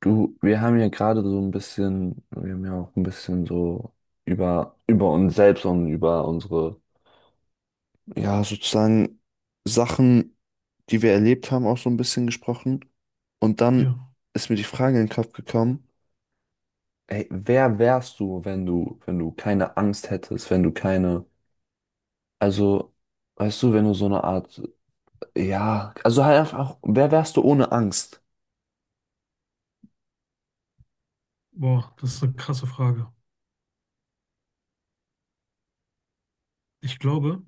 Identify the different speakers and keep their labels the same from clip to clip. Speaker 1: Du, wir haben ja gerade so ein bisschen, wir haben ja auch ein bisschen so über uns selbst und über unsere, ja, sozusagen Sachen, die wir erlebt haben, auch so ein bisschen gesprochen. Und
Speaker 2: Ja,
Speaker 1: dann ist mir die Frage in den Kopf gekommen, ey, wer wärst du, wenn du keine Angst hättest, wenn du keine, also, weißt du, wenn du so eine Art, ja, also halt einfach, wer wärst du ohne Angst?
Speaker 2: boah, das ist eine krasse Frage. Ich glaube,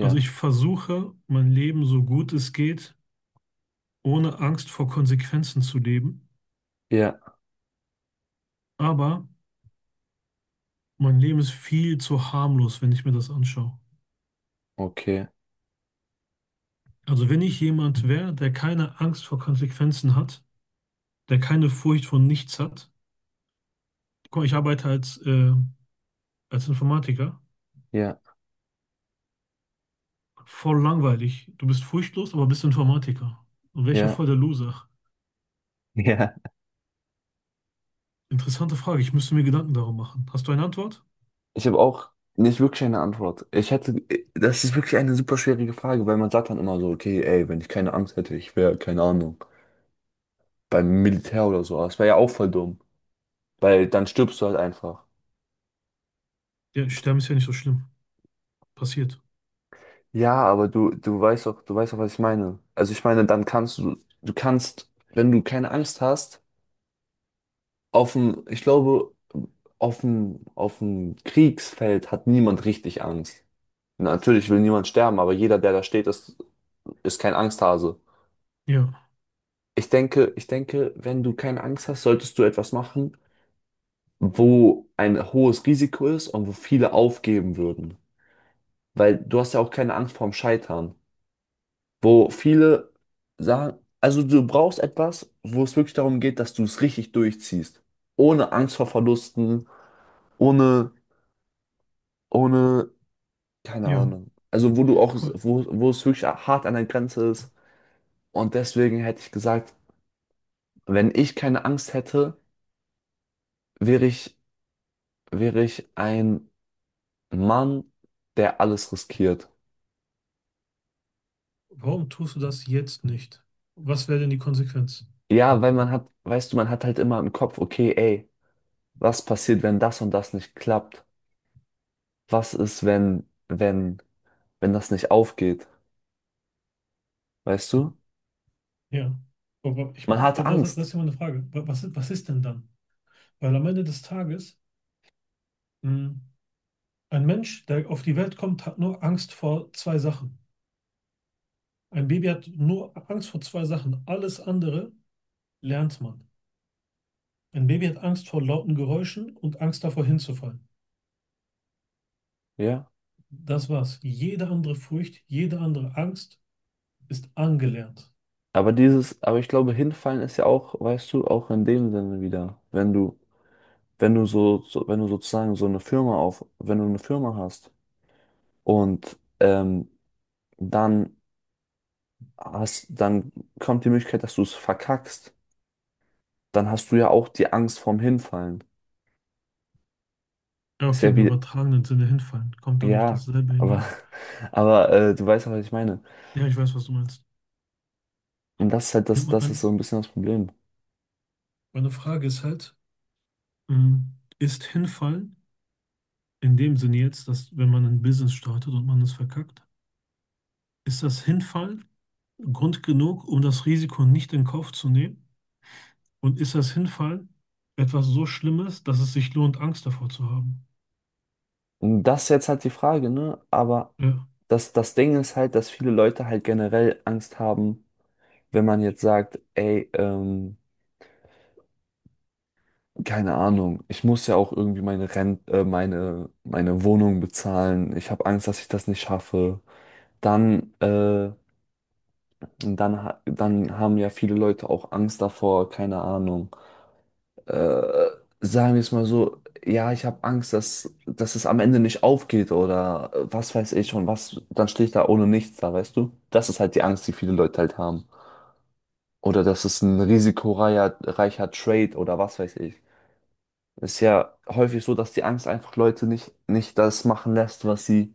Speaker 2: also ich versuche, mein Leben so gut es geht, ohne Angst vor Konsequenzen zu leben.
Speaker 1: ja,
Speaker 2: Aber mein Leben ist viel zu harmlos, wenn ich mir das anschaue.
Speaker 1: okay,
Speaker 2: Also wenn ich jemand wäre, der keine Angst vor Konsequenzen hat, der keine Furcht vor nichts hat. Guck mal, ich arbeite als Informatiker.
Speaker 1: ja,
Speaker 2: Voll langweilig. Du bist furchtlos, aber bist Informatiker. Und welcher
Speaker 1: ja,
Speaker 2: voll der Loser?
Speaker 1: ja.
Speaker 2: Interessante Frage. Ich müsste mir Gedanken darum machen. Hast du eine Antwort?
Speaker 1: Ich habe auch nicht wirklich eine Antwort. Das ist wirklich eine super schwierige Frage, weil man sagt dann immer so, okay, ey, wenn ich keine Angst hätte, ich wäre, keine Ahnung, beim Militär oder so. Aber das wäre ja auch voll dumm, weil dann stirbst du halt einfach.
Speaker 2: Ja, Sterben ist ja nicht so schlimm. Passiert.
Speaker 1: Ja, aber du weißt auch, du weißt auch, was ich meine. Also ich meine, dann kannst du, du kannst, wenn du keine Angst hast, auf dem, ich glaube, auf dem Kriegsfeld hat niemand richtig Angst. Natürlich will niemand sterben, aber jeder, der da steht, ist kein Angsthase.
Speaker 2: Ja,
Speaker 1: Ich denke, wenn du keine Angst hast, solltest du etwas machen, wo ein hohes Risiko ist und wo viele aufgeben würden. Weil du hast ja auch keine Angst vorm Scheitern. Wo viele sagen, also du brauchst etwas, wo es wirklich darum geht, dass du es richtig durchziehst. Ohne Angst vor Verlusten, ohne, ohne, keine
Speaker 2: ja.
Speaker 1: Ahnung. Also wo du auch,
Speaker 2: Guck mal,
Speaker 1: wo, wo es wirklich hart an der Grenze ist. Und deswegen hätte ich gesagt, wenn ich keine Angst hätte, wäre ich, wäre ich ein Mann, der alles riskiert.
Speaker 2: warum tust du das jetzt nicht? Was wäre denn die Konsequenz?
Speaker 1: Ja, weil man hat, weißt du, man hat halt immer im Kopf, okay, ey, was passiert, wenn das und das nicht klappt? Was ist, wenn das nicht aufgeht? Weißt du?
Speaker 2: Ja. Aber ich,
Speaker 1: Man hat
Speaker 2: das
Speaker 1: Angst,
Speaker 2: ist ja mal eine Frage. Was, was ist denn dann? Weil am Ende des Tages, mh, ein Mensch, der auf die Welt kommt, hat nur Angst vor zwei Sachen. Ein Baby hat nur Angst vor zwei Sachen. Alles andere lernt man. Ein Baby hat Angst vor lauten Geräuschen und Angst davor hinzufallen.
Speaker 1: ja.
Speaker 2: Das war's. Jede andere Furcht, jede andere Angst ist angelernt.
Speaker 1: Aber dieses, aber ich glaube, hinfallen ist ja auch, weißt du, auch in dem Sinne wieder, wenn du, wenn du so wenn du sozusagen so eine Firma auf, wenn du eine Firma hast und dann dann kommt die Möglichkeit, dass du es verkackst, dann hast du ja auch die Angst vorm Hinfallen.
Speaker 2: Ja,
Speaker 1: Ist
Speaker 2: okay,
Speaker 1: ja
Speaker 2: im
Speaker 1: wie,
Speaker 2: übertragenen Sinne hinfallen. Kommt dann auf
Speaker 1: ja,
Speaker 2: dasselbe
Speaker 1: aber,
Speaker 2: hinaus?
Speaker 1: aber du weißt ja, was ich meine.
Speaker 2: Ja, ich weiß, was du meinst.
Speaker 1: Und das ist halt
Speaker 2: Ja,
Speaker 1: das, das ist so ein bisschen das Problem.
Speaker 2: meine Frage ist halt, ist hinfallen in dem Sinne jetzt, dass wenn man ein Business startet und man es verkackt, ist das Hinfallen Grund genug, um das Risiko nicht in Kauf zu nehmen? Und ist das Hinfallen etwas so Schlimmes, dass es sich lohnt, Angst davor zu haben?
Speaker 1: Und das ist jetzt halt die Frage, ne? Aber
Speaker 2: Ja,
Speaker 1: das, das Ding ist halt, dass viele Leute halt generell Angst haben, wenn man jetzt sagt, ey, keine Ahnung, ich muss ja auch irgendwie meine Wohnung bezahlen. Ich habe Angst, dass ich das nicht schaffe. Dann, äh, dann haben ja viele Leute auch Angst davor, keine Ahnung, äh, sagen wir es mal so, ja, ich habe Angst, dass es am Ende nicht aufgeht oder was weiß ich schon, was, dann stehe ich da ohne nichts da, weißt du? Das ist halt die Angst, die viele Leute halt haben. Oder dass es ein risikoreicher reicher Trade oder was weiß ich. Ist ja häufig so, dass die Angst einfach Leute nicht das machen lässt, was sie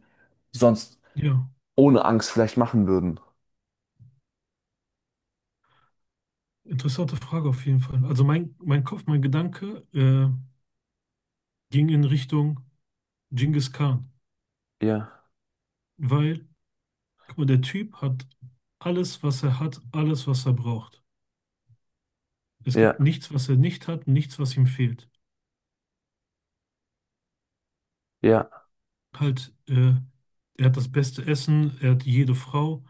Speaker 1: sonst
Speaker 2: ja,
Speaker 1: ohne Angst vielleicht machen würden.
Speaker 2: interessante Frage auf jeden Fall. Also mein Kopf, mein Gedanke, ging in Richtung Genghis Khan,
Speaker 1: Ja,
Speaker 2: weil guck mal, der Typ hat alles, was er hat, alles, was er braucht. Es
Speaker 1: ja,
Speaker 2: gibt nichts, was er nicht hat, nichts, was ihm fehlt.
Speaker 1: ja.
Speaker 2: Halt, er hat das beste Essen, er hat jede Frau,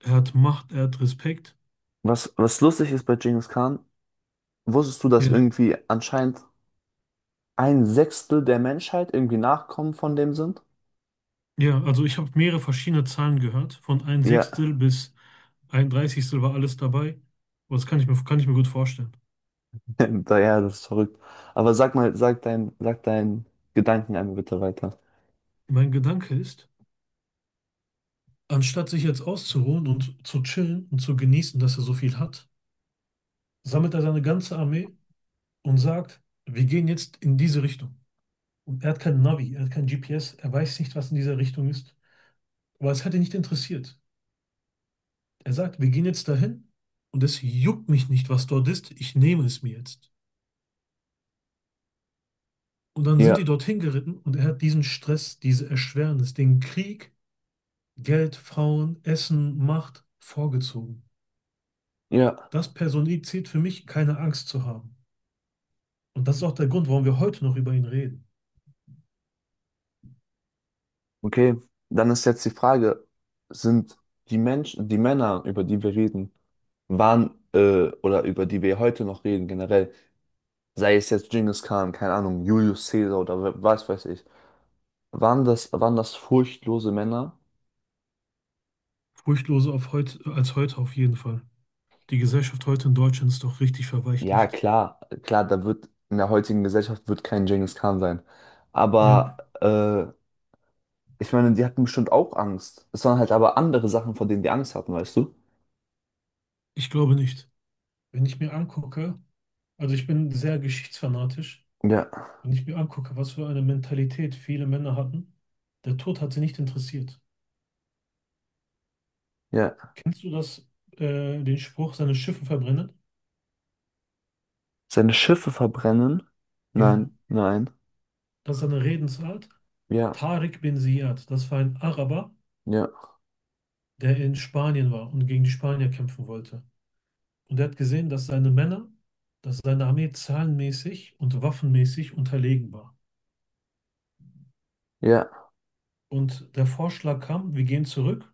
Speaker 2: er hat Macht, er hat Respekt.
Speaker 1: Was, was lustig ist bei Genghis Khan, wusstest du, dass
Speaker 2: Ja,
Speaker 1: irgendwie anscheinend ein Sechstel der Menschheit irgendwie Nachkommen von dem sind?
Speaker 2: ja, also ich habe mehrere verschiedene Zahlen gehört. Von ein
Speaker 1: Ja,
Speaker 2: Sechstel bis ein Dreißigstel war alles dabei. Aber das kann ich mir gut vorstellen.
Speaker 1: ja, das ist verrückt. Aber sag mal, sag dein, sag deinen Gedanken einmal bitte weiter.
Speaker 2: Mein Gedanke ist, anstatt sich jetzt auszuruhen und zu chillen und zu genießen, dass er so viel hat, sammelt er seine ganze Armee und sagt, wir gehen jetzt in diese Richtung. Und er hat kein Navi, er hat kein GPS, er weiß nicht, was in dieser Richtung ist. Aber es hat ihn nicht interessiert. Er sagt, wir gehen jetzt dahin und es juckt mich nicht, was dort ist, ich nehme es mir jetzt. Und dann sind
Speaker 1: Ja,
Speaker 2: die dorthin geritten und er hat diesen Stress, diese Erschwernis, den Krieg, Geld, Frauen, Essen, Macht vorgezogen.
Speaker 1: ja,
Speaker 2: Das personifiziert für mich, keine Angst zu haben. Und das ist auch der Grund, warum wir heute noch über ihn reden.
Speaker 1: okay. Dann ist jetzt die Frage, sind die Menschen, die Männer, über die wir reden, oder über die wir heute noch reden, generell, sei es jetzt Genghis Khan, keine Ahnung, Julius Caesar oder was weiß ich, waren das furchtlose Männer?
Speaker 2: Furchtloser als heute auf jeden Fall. Die Gesellschaft heute in Deutschland ist doch richtig
Speaker 1: Ja,
Speaker 2: verweichlicht.
Speaker 1: klar, klar, da wird in der heutigen Gesellschaft wird kein Genghis Khan sein. Aber
Speaker 2: Ja,
Speaker 1: ich meine, die hatten bestimmt auch Angst. Es waren halt aber andere Sachen, vor denen die Angst hatten, weißt du?
Speaker 2: ich glaube nicht. Wenn ich mir angucke, also ich bin sehr geschichtsfanatisch,
Speaker 1: Ja,
Speaker 2: wenn ich mir angucke, was für eine Mentalität viele Männer hatten, der Tod hat sie nicht interessiert.
Speaker 1: ja.
Speaker 2: Kennst du den Spruch, seine Schiffe verbrennen?
Speaker 1: Seine Schiffe verbrennen?
Speaker 2: Ja.
Speaker 1: Nein, nein.
Speaker 2: Das ist eine Redensart.
Speaker 1: Ja,
Speaker 2: Tariq bin Ziyad, das war ein Araber,
Speaker 1: ja,
Speaker 2: der in Spanien war und gegen die Spanier kämpfen wollte. Und er hat gesehen, dass seine Männer, dass seine Armee zahlenmäßig und waffenmäßig unterlegen war.
Speaker 1: ja,
Speaker 2: Und der Vorschlag kam, wir gehen zurück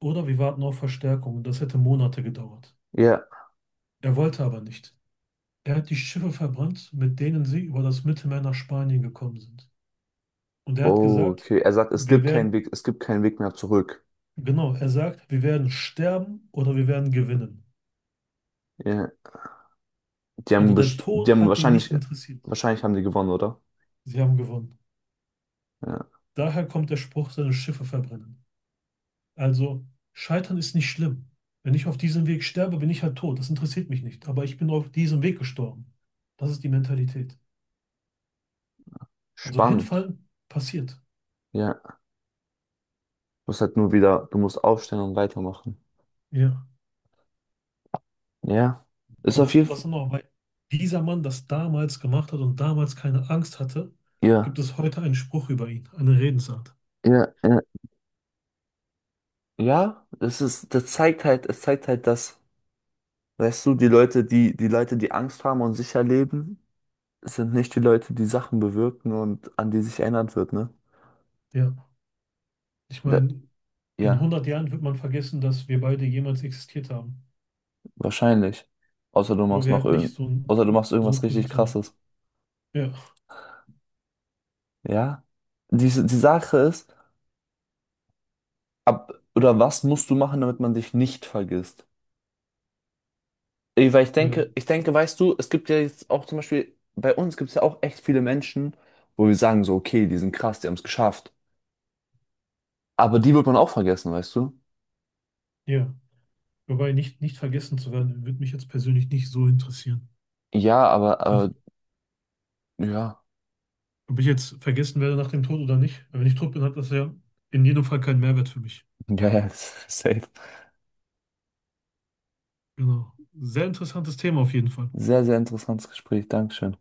Speaker 2: oder wir warten auf Verstärkung. Und das hätte Monate gedauert.
Speaker 1: ja.
Speaker 2: Er wollte aber nicht. Er hat die Schiffe verbrannt, mit denen sie über das Mittelmeer nach Spanien gekommen sind. Und er hat
Speaker 1: Oh,
Speaker 2: gesagt,
Speaker 1: okay. Er sagt, es
Speaker 2: wir
Speaker 1: gibt keinen
Speaker 2: werden
Speaker 1: Weg, es gibt keinen Weg mehr zurück.
Speaker 2: Genau, er sagt, wir werden sterben oder wir werden gewinnen.
Speaker 1: Ja. Die
Speaker 2: Also
Speaker 1: haben,
Speaker 2: der
Speaker 1: die
Speaker 2: Tod
Speaker 1: haben
Speaker 2: hat ihn
Speaker 1: wahrscheinlich,
Speaker 2: nicht interessiert.
Speaker 1: wahrscheinlich haben die gewonnen, oder?
Speaker 2: Sie haben gewonnen.
Speaker 1: Ja.
Speaker 2: Daher kommt der Spruch, seine Schiffe verbrennen. Also Scheitern ist nicht schlimm. Wenn ich auf diesem Weg sterbe, bin ich halt tot. Das interessiert mich nicht. Aber ich bin auf diesem Weg gestorben. Das ist die Mentalität. Also
Speaker 1: Spannend.
Speaker 2: hinfallen passiert.
Speaker 1: Ja. Du musst halt nur wieder, du musst aufstehen und weitermachen.
Speaker 2: Ja.
Speaker 1: Ja, ist
Speaker 2: Aber
Speaker 1: auf
Speaker 2: das,
Speaker 1: jeden Fall,
Speaker 2: das dann auch, weil dieser Mann das damals gemacht hat und damals keine Angst hatte,
Speaker 1: ja,
Speaker 2: gibt es heute einen Spruch über ihn, eine Redensart.
Speaker 1: ja, ja, ja, das zeigt halt, es zeigt halt, dass, weißt du, die Leute, die Angst haben und sicher leben, sind nicht die Leute, die Sachen bewirken und an die sich erinnert wird, ne?
Speaker 2: Ja, ich
Speaker 1: Da,
Speaker 2: meine, in
Speaker 1: ja,
Speaker 2: 100 Jahren wird man vergessen, dass wir beide jemals existiert haben.
Speaker 1: wahrscheinlich. Außer du
Speaker 2: Weil
Speaker 1: machst
Speaker 2: wir
Speaker 1: noch
Speaker 2: halt nicht
Speaker 1: irgend,
Speaker 2: so, ein-
Speaker 1: Außer du
Speaker 2: so
Speaker 1: machst
Speaker 2: so eine
Speaker 1: irgendwas richtig
Speaker 2: Position haben.
Speaker 1: Krasses.
Speaker 2: Ja,
Speaker 1: Ja? Die, die Sache ist, oder was musst du machen, damit man dich nicht vergisst? Ey, weil ich
Speaker 2: äh,
Speaker 1: denke, ich denke, weißt du, es gibt ja jetzt auch zum Beispiel, bei uns gibt es ja auch echt viele Menschen, wo wir sagen so, okay, die sind krass, die haben es geschafft. Aber die wird man auch vergessen, weißt du?
Speaker 2: ja. Wobei nicht vergessen zu werden, würde mich jetzt persönlich nicht so interessieren.
Speaker 1: Ja, aber,
Speaker 2: Also,
Speaker 1: aber ja,
Speaker 2: ob ich jetzt vergessen werde nach dem Tod oder nicht, wenn ich tot bin, hat das ja in jedem Fall keinen Mehrwert für mich.
Speaker 1: ja, ja, safe.
Speaker 2: Genau. Sehr interessantes Thema auf jeden Fall.
Speaker 1: Sehr, sehr interessantes Gespräch, Dankeschön.